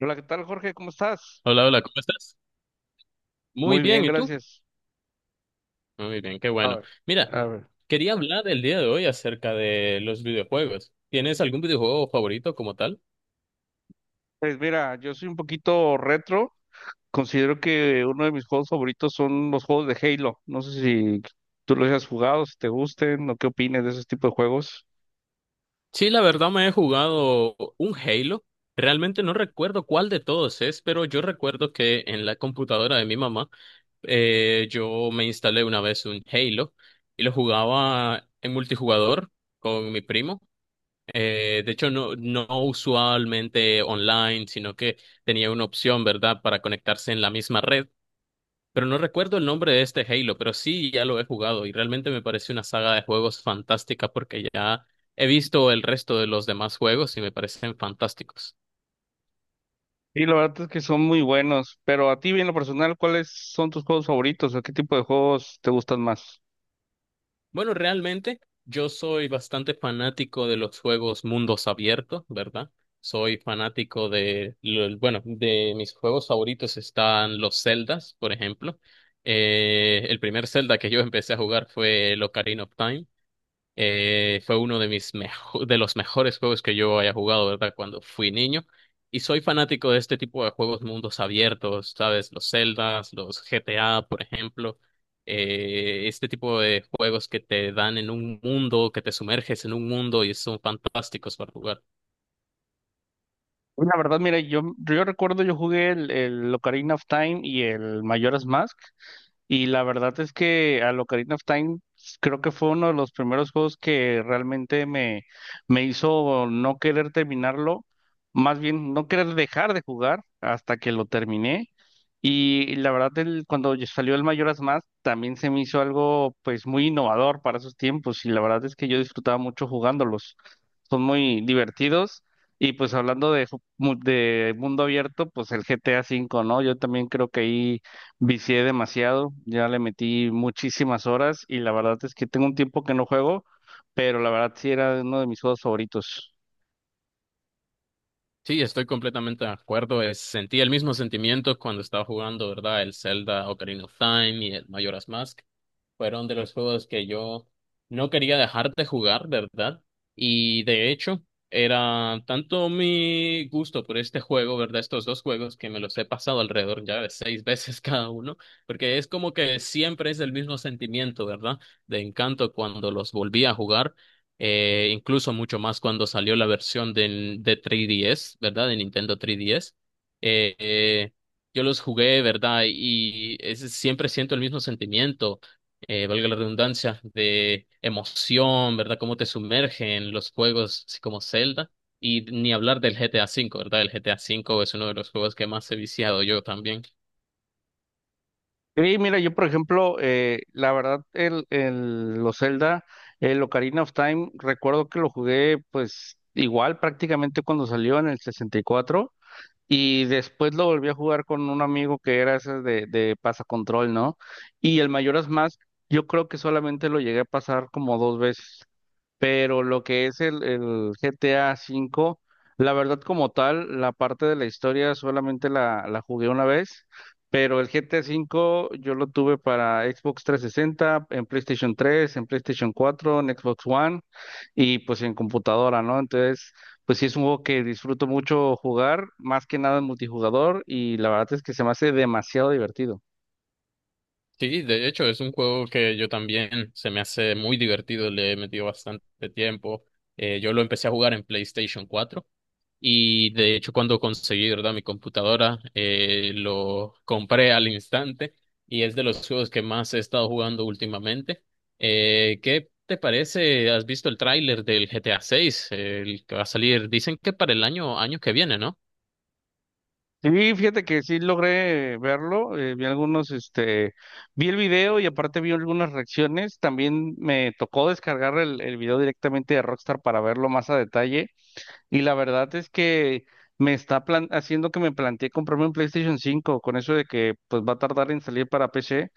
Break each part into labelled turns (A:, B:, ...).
A: Hola, ¿qué tal, Jorge? ¿Cómo estás?
B: Hola, hola, ¿cómo estás? Muy
A: Muy bien,
B: bien, ¿y tú?
A: gracias.
B: Muy bien, qué
A: A
B: bueno.
A: ver,
B: Mira,
A: a ver.
B: quería hablar el día de hoy acerca de los videojuegos. ¿Tienes algún videojuego favorito como tal?
A: Pues mira, yo soy un poquito retro. Considero que uno de mis juegos favoritos son los juegos de Halo. No sé si tú los hayas jugado, si te gusten o qué opines de esos tipos de juegos.
B: Sí, la verdad me he jugado un Halo. Realmente no recuerdo cuál de todos es, pero yo recuerdo que en la computadora de mi mamá yo me instalé una vez un Halo y lo jugaba en multijugador con mi primo. De hecho, no, no usualmente online, sino que tenía una opción, ¿verdad?, para conectarse en la misma red. Pero no recuerdo el nombre de este Halo, pero sí ya lo he jugado y realmente me parece una saga de juegos fantástica porque ya he visto el resto de los demás juegos y me parecen fantásticos.
A: Y la verdad es que son muy buenos. Pero a ti, en lo personal, ¿cuáles son tus juegos favoritos o qué tipo de juegos te gustan más?
B: Bueno, realmente yo soy bastante fanático de los juegos mundos abiertos, ¿verdad? Soy fanático de, bueno, de mis juegos favoritos están los Zeldas, por ejemplo. El primer Zelda que yo empecé a jugar fue el Ocarina of Time. Fue uno de de los mejores juegos que yo haya jugado, ¿verdad? Cuando fui niño. Y soy fanático de este tipo de juegos mundos abiertos, ¿sabes? Los Zeldas, los GTA, por ejemplo. Este tipo de juegos que te dan en un mundo, que te sumerges en un mundo y son fantásticos para jugar.
A: La verdad, mira, yo recuerdo, yo jugué el Ocarina of Time y el Majora's Mask. Y la verdad es que a Ocarina of Time creo que fue uno de los primeros juegos que realmente me hizo no querer terminarlo, más bien no querer dejar de jugar hasta que lo terminé. Y la verdad, el, cuando ya salió el Majora's Mask, también se me hizo algo pues muy innovador para esos tiempos y la verdad es que yo disfrutaba mucho jugándolos. Son muy divertidos. Y pues hablando de, ju- mu- de mundo abierto, pues el GTA V, ¿no? Yo también creo que ahí vicié demasiado, ya le metí muchísimas horas y la verdad es que tengo un tiempo que no juego, pero la verdad sí era uno de mis juegos favoritos.
B: Sí, estoy completamente de acuerdo. Sentí el mismo sentimiento cuando estaba jugando, ¿verdad? El Zelda Ocarina of Time y el Majora's Mask. Fueron de los juegos que yo no quería dejar de jugar, de ¿verdad? Y de hecho, era tanto mi gusto por este juego, ¿verdad? Estos dos juegos que me los he pasado alrededor ya de seis veces cada uno, porque es como que siempre es el mismo sentimiento, ¿verdad? De encanto cuando los volví a jugar, incluso mucho más cuando salió la versión del, de 3DS, ¿verdad? De Nintendo 3DS. eh, eh, yo los jugué, ¿verdad? Y siempre siento el mismo sentimiento valga la redundancia, de emoción, ¿verdad? Cómo te sumergen los juegos así como Zelda. Y ni hablar del GTA V, ¿verdad? El GTA V es uno de los juegos que más he viciado yo también.
A: Y mira, yo por ejemplo, la verdad, el, los Zelda, el Ocarina of Time, recuerdo que lo jugué pues igual prácticamente cuando salió en el 64. Y después lo volví a jugar con un amigo que era ese de pasacontrol, ¿no? Y el Mayoras más yo creo que solamente lo llegué a pasar como dos veces. Pero lo que es el GTA V, la verdad como tal, la parte de la historia solamente la jugué una vez. Pero el GTA V yo lo tuve para Xbox 360, en PlayStation 3, en PlayStation 4, en Xbox One y pues en computadora, ¿no? Entonces pues sí, es un juego que disfruto mucho jugar, más que nada en multijugador, y la verdad es que se me hace demasiado divertido.
B: Sí, de hecho, es un juego que yo también se me hace muy divertido, le he metido bastante tiempo. Yo lo empecé a jugar en PlayStation 4. Y de hecho, cuando conseguí, ¿verdad? Mi computadora, lo compré al instante y es de los juegos que más he estado jugando últimamente. ¿Qué te parece? ¿Has visto el tráiler del GTA 6? El que va a salir, dicen que para el año, año que viene, ¿no?
A: Sí, fíjate que sí logré verlo, vi algunos, este, vi el video y aparte vi algunas reacciones, también me tocó descargar el video directamente de Rockstar para verlo más a detalle. Y la verdad es que me está haciendo que me planteé comprarme un PlayStation 5 con eso de que pues va a tardar en salir para PC.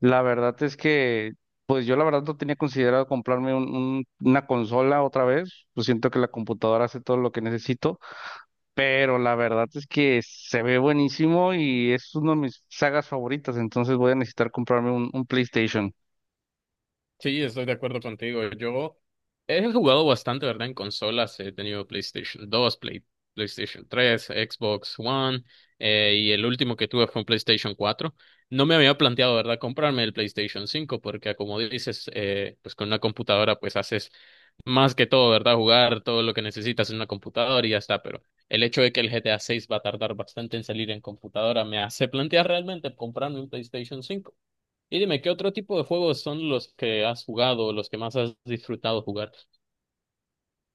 A: La verdad es que pues yo la verdad no tenía considerado comprarme una consola otra vez. Pues siento que la computadora hace todo lo que necesito, pero la verdad es que se ve buenísimo y es una de mis sagas favoritas, entonces voy a necesitar comprarme un PlayStation.
B: Sí, estoy de acuerdo contigo. Yo he jugado bastante, ¿verdad? En consolas. He tenido PlayStation 2, PlayStation 3, Xbox One, y el último que tuve fue un PlayStation 4. No me había planteado, ¿verdad?, comprarme el PlayStation 5 porque como dices, pues con una computadora pues haces más que todo, ¿verdad? Jugar todo lo que necesitas en una computadora y ya está. Pero el hecho de que el GTA 6 va a tardar bastante en salir en computadora me hace plantear realmente comprarme un PlayStation 5. Y dime, ¿qué otro tipo de juegos son los que has jugado, los que más has disfrutado jugar?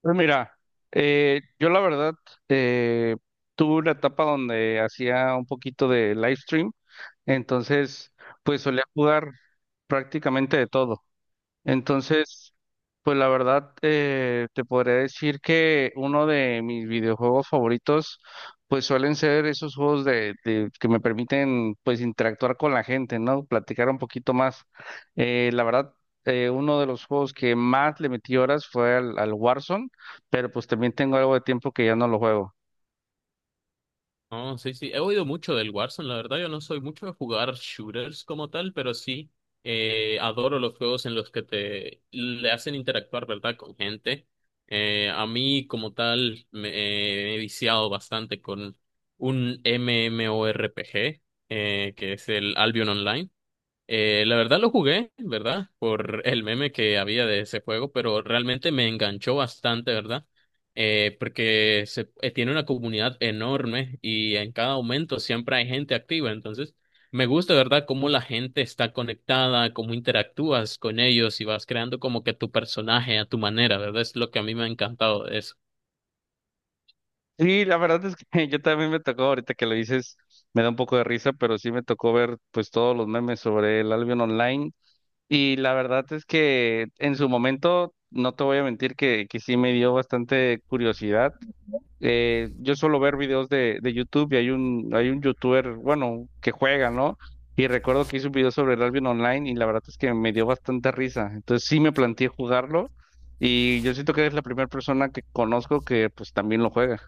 A: Pues mira, yo la verdad eh, tuve una etapa donde hacía un poquito de live stream, entonces pues solía jugar prácticamente de todo. Entonces pues la verdad, te podría decir que uno de mis videojuegos favoritos, pues suelen ser esos juegos de- que me permiten, pues, interactuar con la gente, ¿no? Platicar un poquito más. La verdad, uno de los juegos que más le metí horas fue al, al Warzone, pero pues también tengo algo de tiempo que ya no lo juego.
B: Oh, sí, sí, he oído mucho del Warzone, la verdad yo no soy mucho de jugar shooters como tal, pero sí adoro los juegos en los que te le hacen interactuar, ¿verdad?, con gente. A mí como tal me he viciado bastante con un MMORPG, que es el Albion Online. La verdad lo jugué, ¿verdad? Por el meme que había de ese juego, pero realmente me enganchó bastante, ¿verdad? Porque tiene una comunidad enorme y en cada momento siempre hay gente activa, entonces me gusta, ¿verdad? Cómo la gente está conectada, cómo interactúas con ellos y vas creando como que tu personaje a tu manera, ¿verdad? Es lo que a mí me ha encantado de eso.
A: Sí, la verdad es que yo también me tocó, ahorita que lo dices, me da un poco de risa, pero sí me tocó ver, pues, todos los memes sobre el Albion Online. Y la verdad es que en su momento, no te voy a mentir que sí me dio bastante curiosidad. Yo suelo ver videos de YouTube y hay un youtuber, bueno, que juega, ¿no? Y recuerdo que hizo un video sobre el rugby online y la verdad es que me dio bastante risa. Entonces sí me planteé jugarlo y yo siento que eres la primera persona que conozco que pues también lo juega.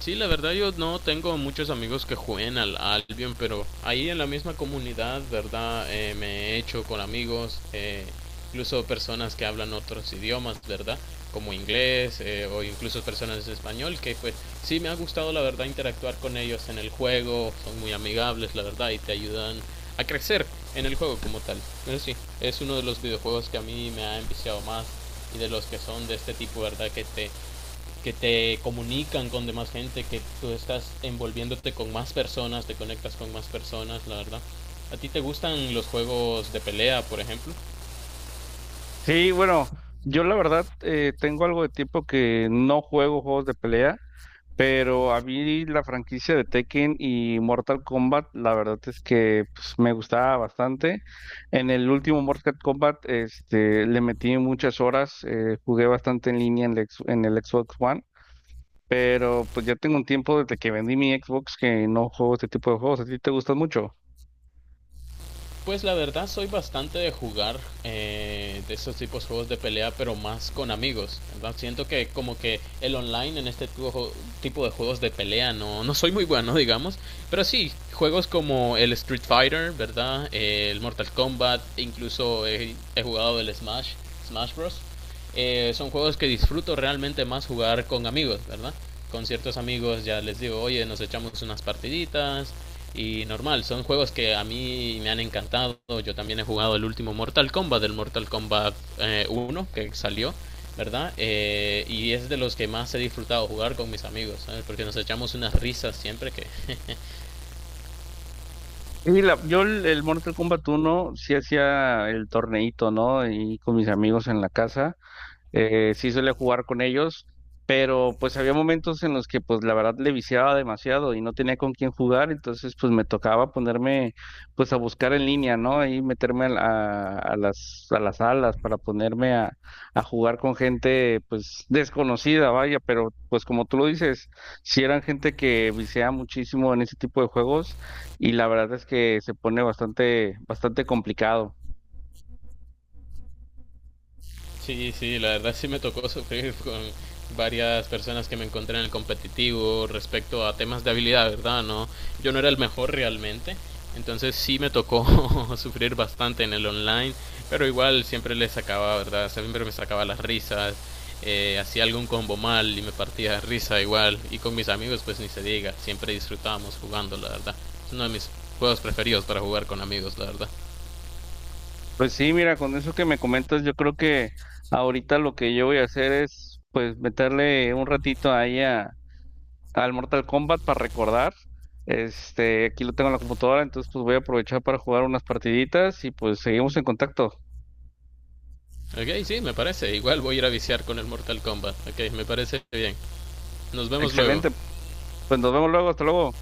B: Sí, la verdad yo no tengo muchos amigos que jueguen al Albion, pero ahí en la misma comunidad, ¿verdad? Me he hecho con amigos, incluso personas que hablan otros idiomas, ¿verdad? Como inglés, o incluso personas de español, que pues sí me ha gustado la verdad interactuar con ellos en el juego, son muy amigables, la verdad, y te ayudan a crecer en el juego como tal. Pero sí, es uno de los videojuegos que a mí me ha enviciado más y de los que son de este tipo, ¿verdad? Que te comunican con demás gente, que tú estás envolviéndote con más personas, te conectas con más personas, la verdad. ¿A ti te gustan los juegos de pelea, por ejemplo?
A: Sí, bueno, yo la verdad tengo algo de tiempo que no juego juegos de pelea. Pero a mí la franquicia de Tekken y Mortal Kombat, la verdad es que pues, me gustaba bastante. En el último Mortal Kombat, este, le metí muchas horas, jugué bastante en línea en el, en el Xbox One, pero pues ya tengo un tiempo desde que vendí mi Xbox que no juego este tipo de juegos. ¿A ti te gustan mucho?
B: Pues la verdad soy bastante de jugar, de esos tipos de juegos de pelea, pero más con amigos. ¿Verdad? Siento que como que el online en este tipo de juegos de pelea no, no soy muy bueno, digamos. Pero sí, juegos como el Street Fighter, ¿verdad? El Mortal Kombat, incluso he jugado el Smash, Smash Bros. Son juegos que disfruto realmente más jugar con amigos, ¿verdad? Con ciertos amigos ya les digo, oye, nos echamos unas partiditas, y normal, son juegos que a mí me han encantado. Yo también he jugado el último Mortal Kombat, del Mortal Kombat, 1 que salió, ¿verdad? Y es de los que más he disfrutado jugar con mis amigos, ¿sabes? Porque nos echamos unas risas siempre que.
A: Y la- yo el Mortal Kombat uno sí hacía el torneito, ¿no? Y con mis amigos en la casa. Sí suele jugar con ellos, pero pues había momentos en los que pues la verdad le viciaba demasiado y no tenía con quién jugar, entonces pues me tocaba ponerme pues a buscar en línea, ¿no? Y meterme a las salas para ponerme a jugar con gente pues desconocida, vaya, pero pues como tú lo dices, si eran gente que viciaba muchísimo en ese tipo de juegos y la verdad es que se pone bastante, bastante complicado.
B: Sí, sí, la verdad sí me tocó sufrir con varias personas que me encontré en el competitivo respecto a temas de habilidad, ¿verdad? No, yo no era el mejor realmente, entonces sí me tocó sufrir bastante en el online, pero igual siempre le sacaba, ¿verdad? Siempre me sacaba las risas, hacía algún combo mal y me partía de risa igual, y con mis amigos pues ni se diga, siempre disfrutábamos jugando, la verdad. Es uno de mis juegos preferidos para jugar con amigos, la verdad.
A: Pues sí, mira, con eso que me comentas, yo creo que ahorita lo que yo voy a hacer es, pues, meterle un ratito ahí a, al Mortal Kombat para recordar. Este, aquí lo tengo en la computadora, entonces pues voy a aprovechar para jugar unas partiditas y pues seguimos en contacto.
B: Ok, sí, me parece. Igual voy a ir a viciar con el Mortal Kombat. Ok, me parece bien. Nos vemos luego.
A: Excelente, pues nos vemos luego, hasta luego.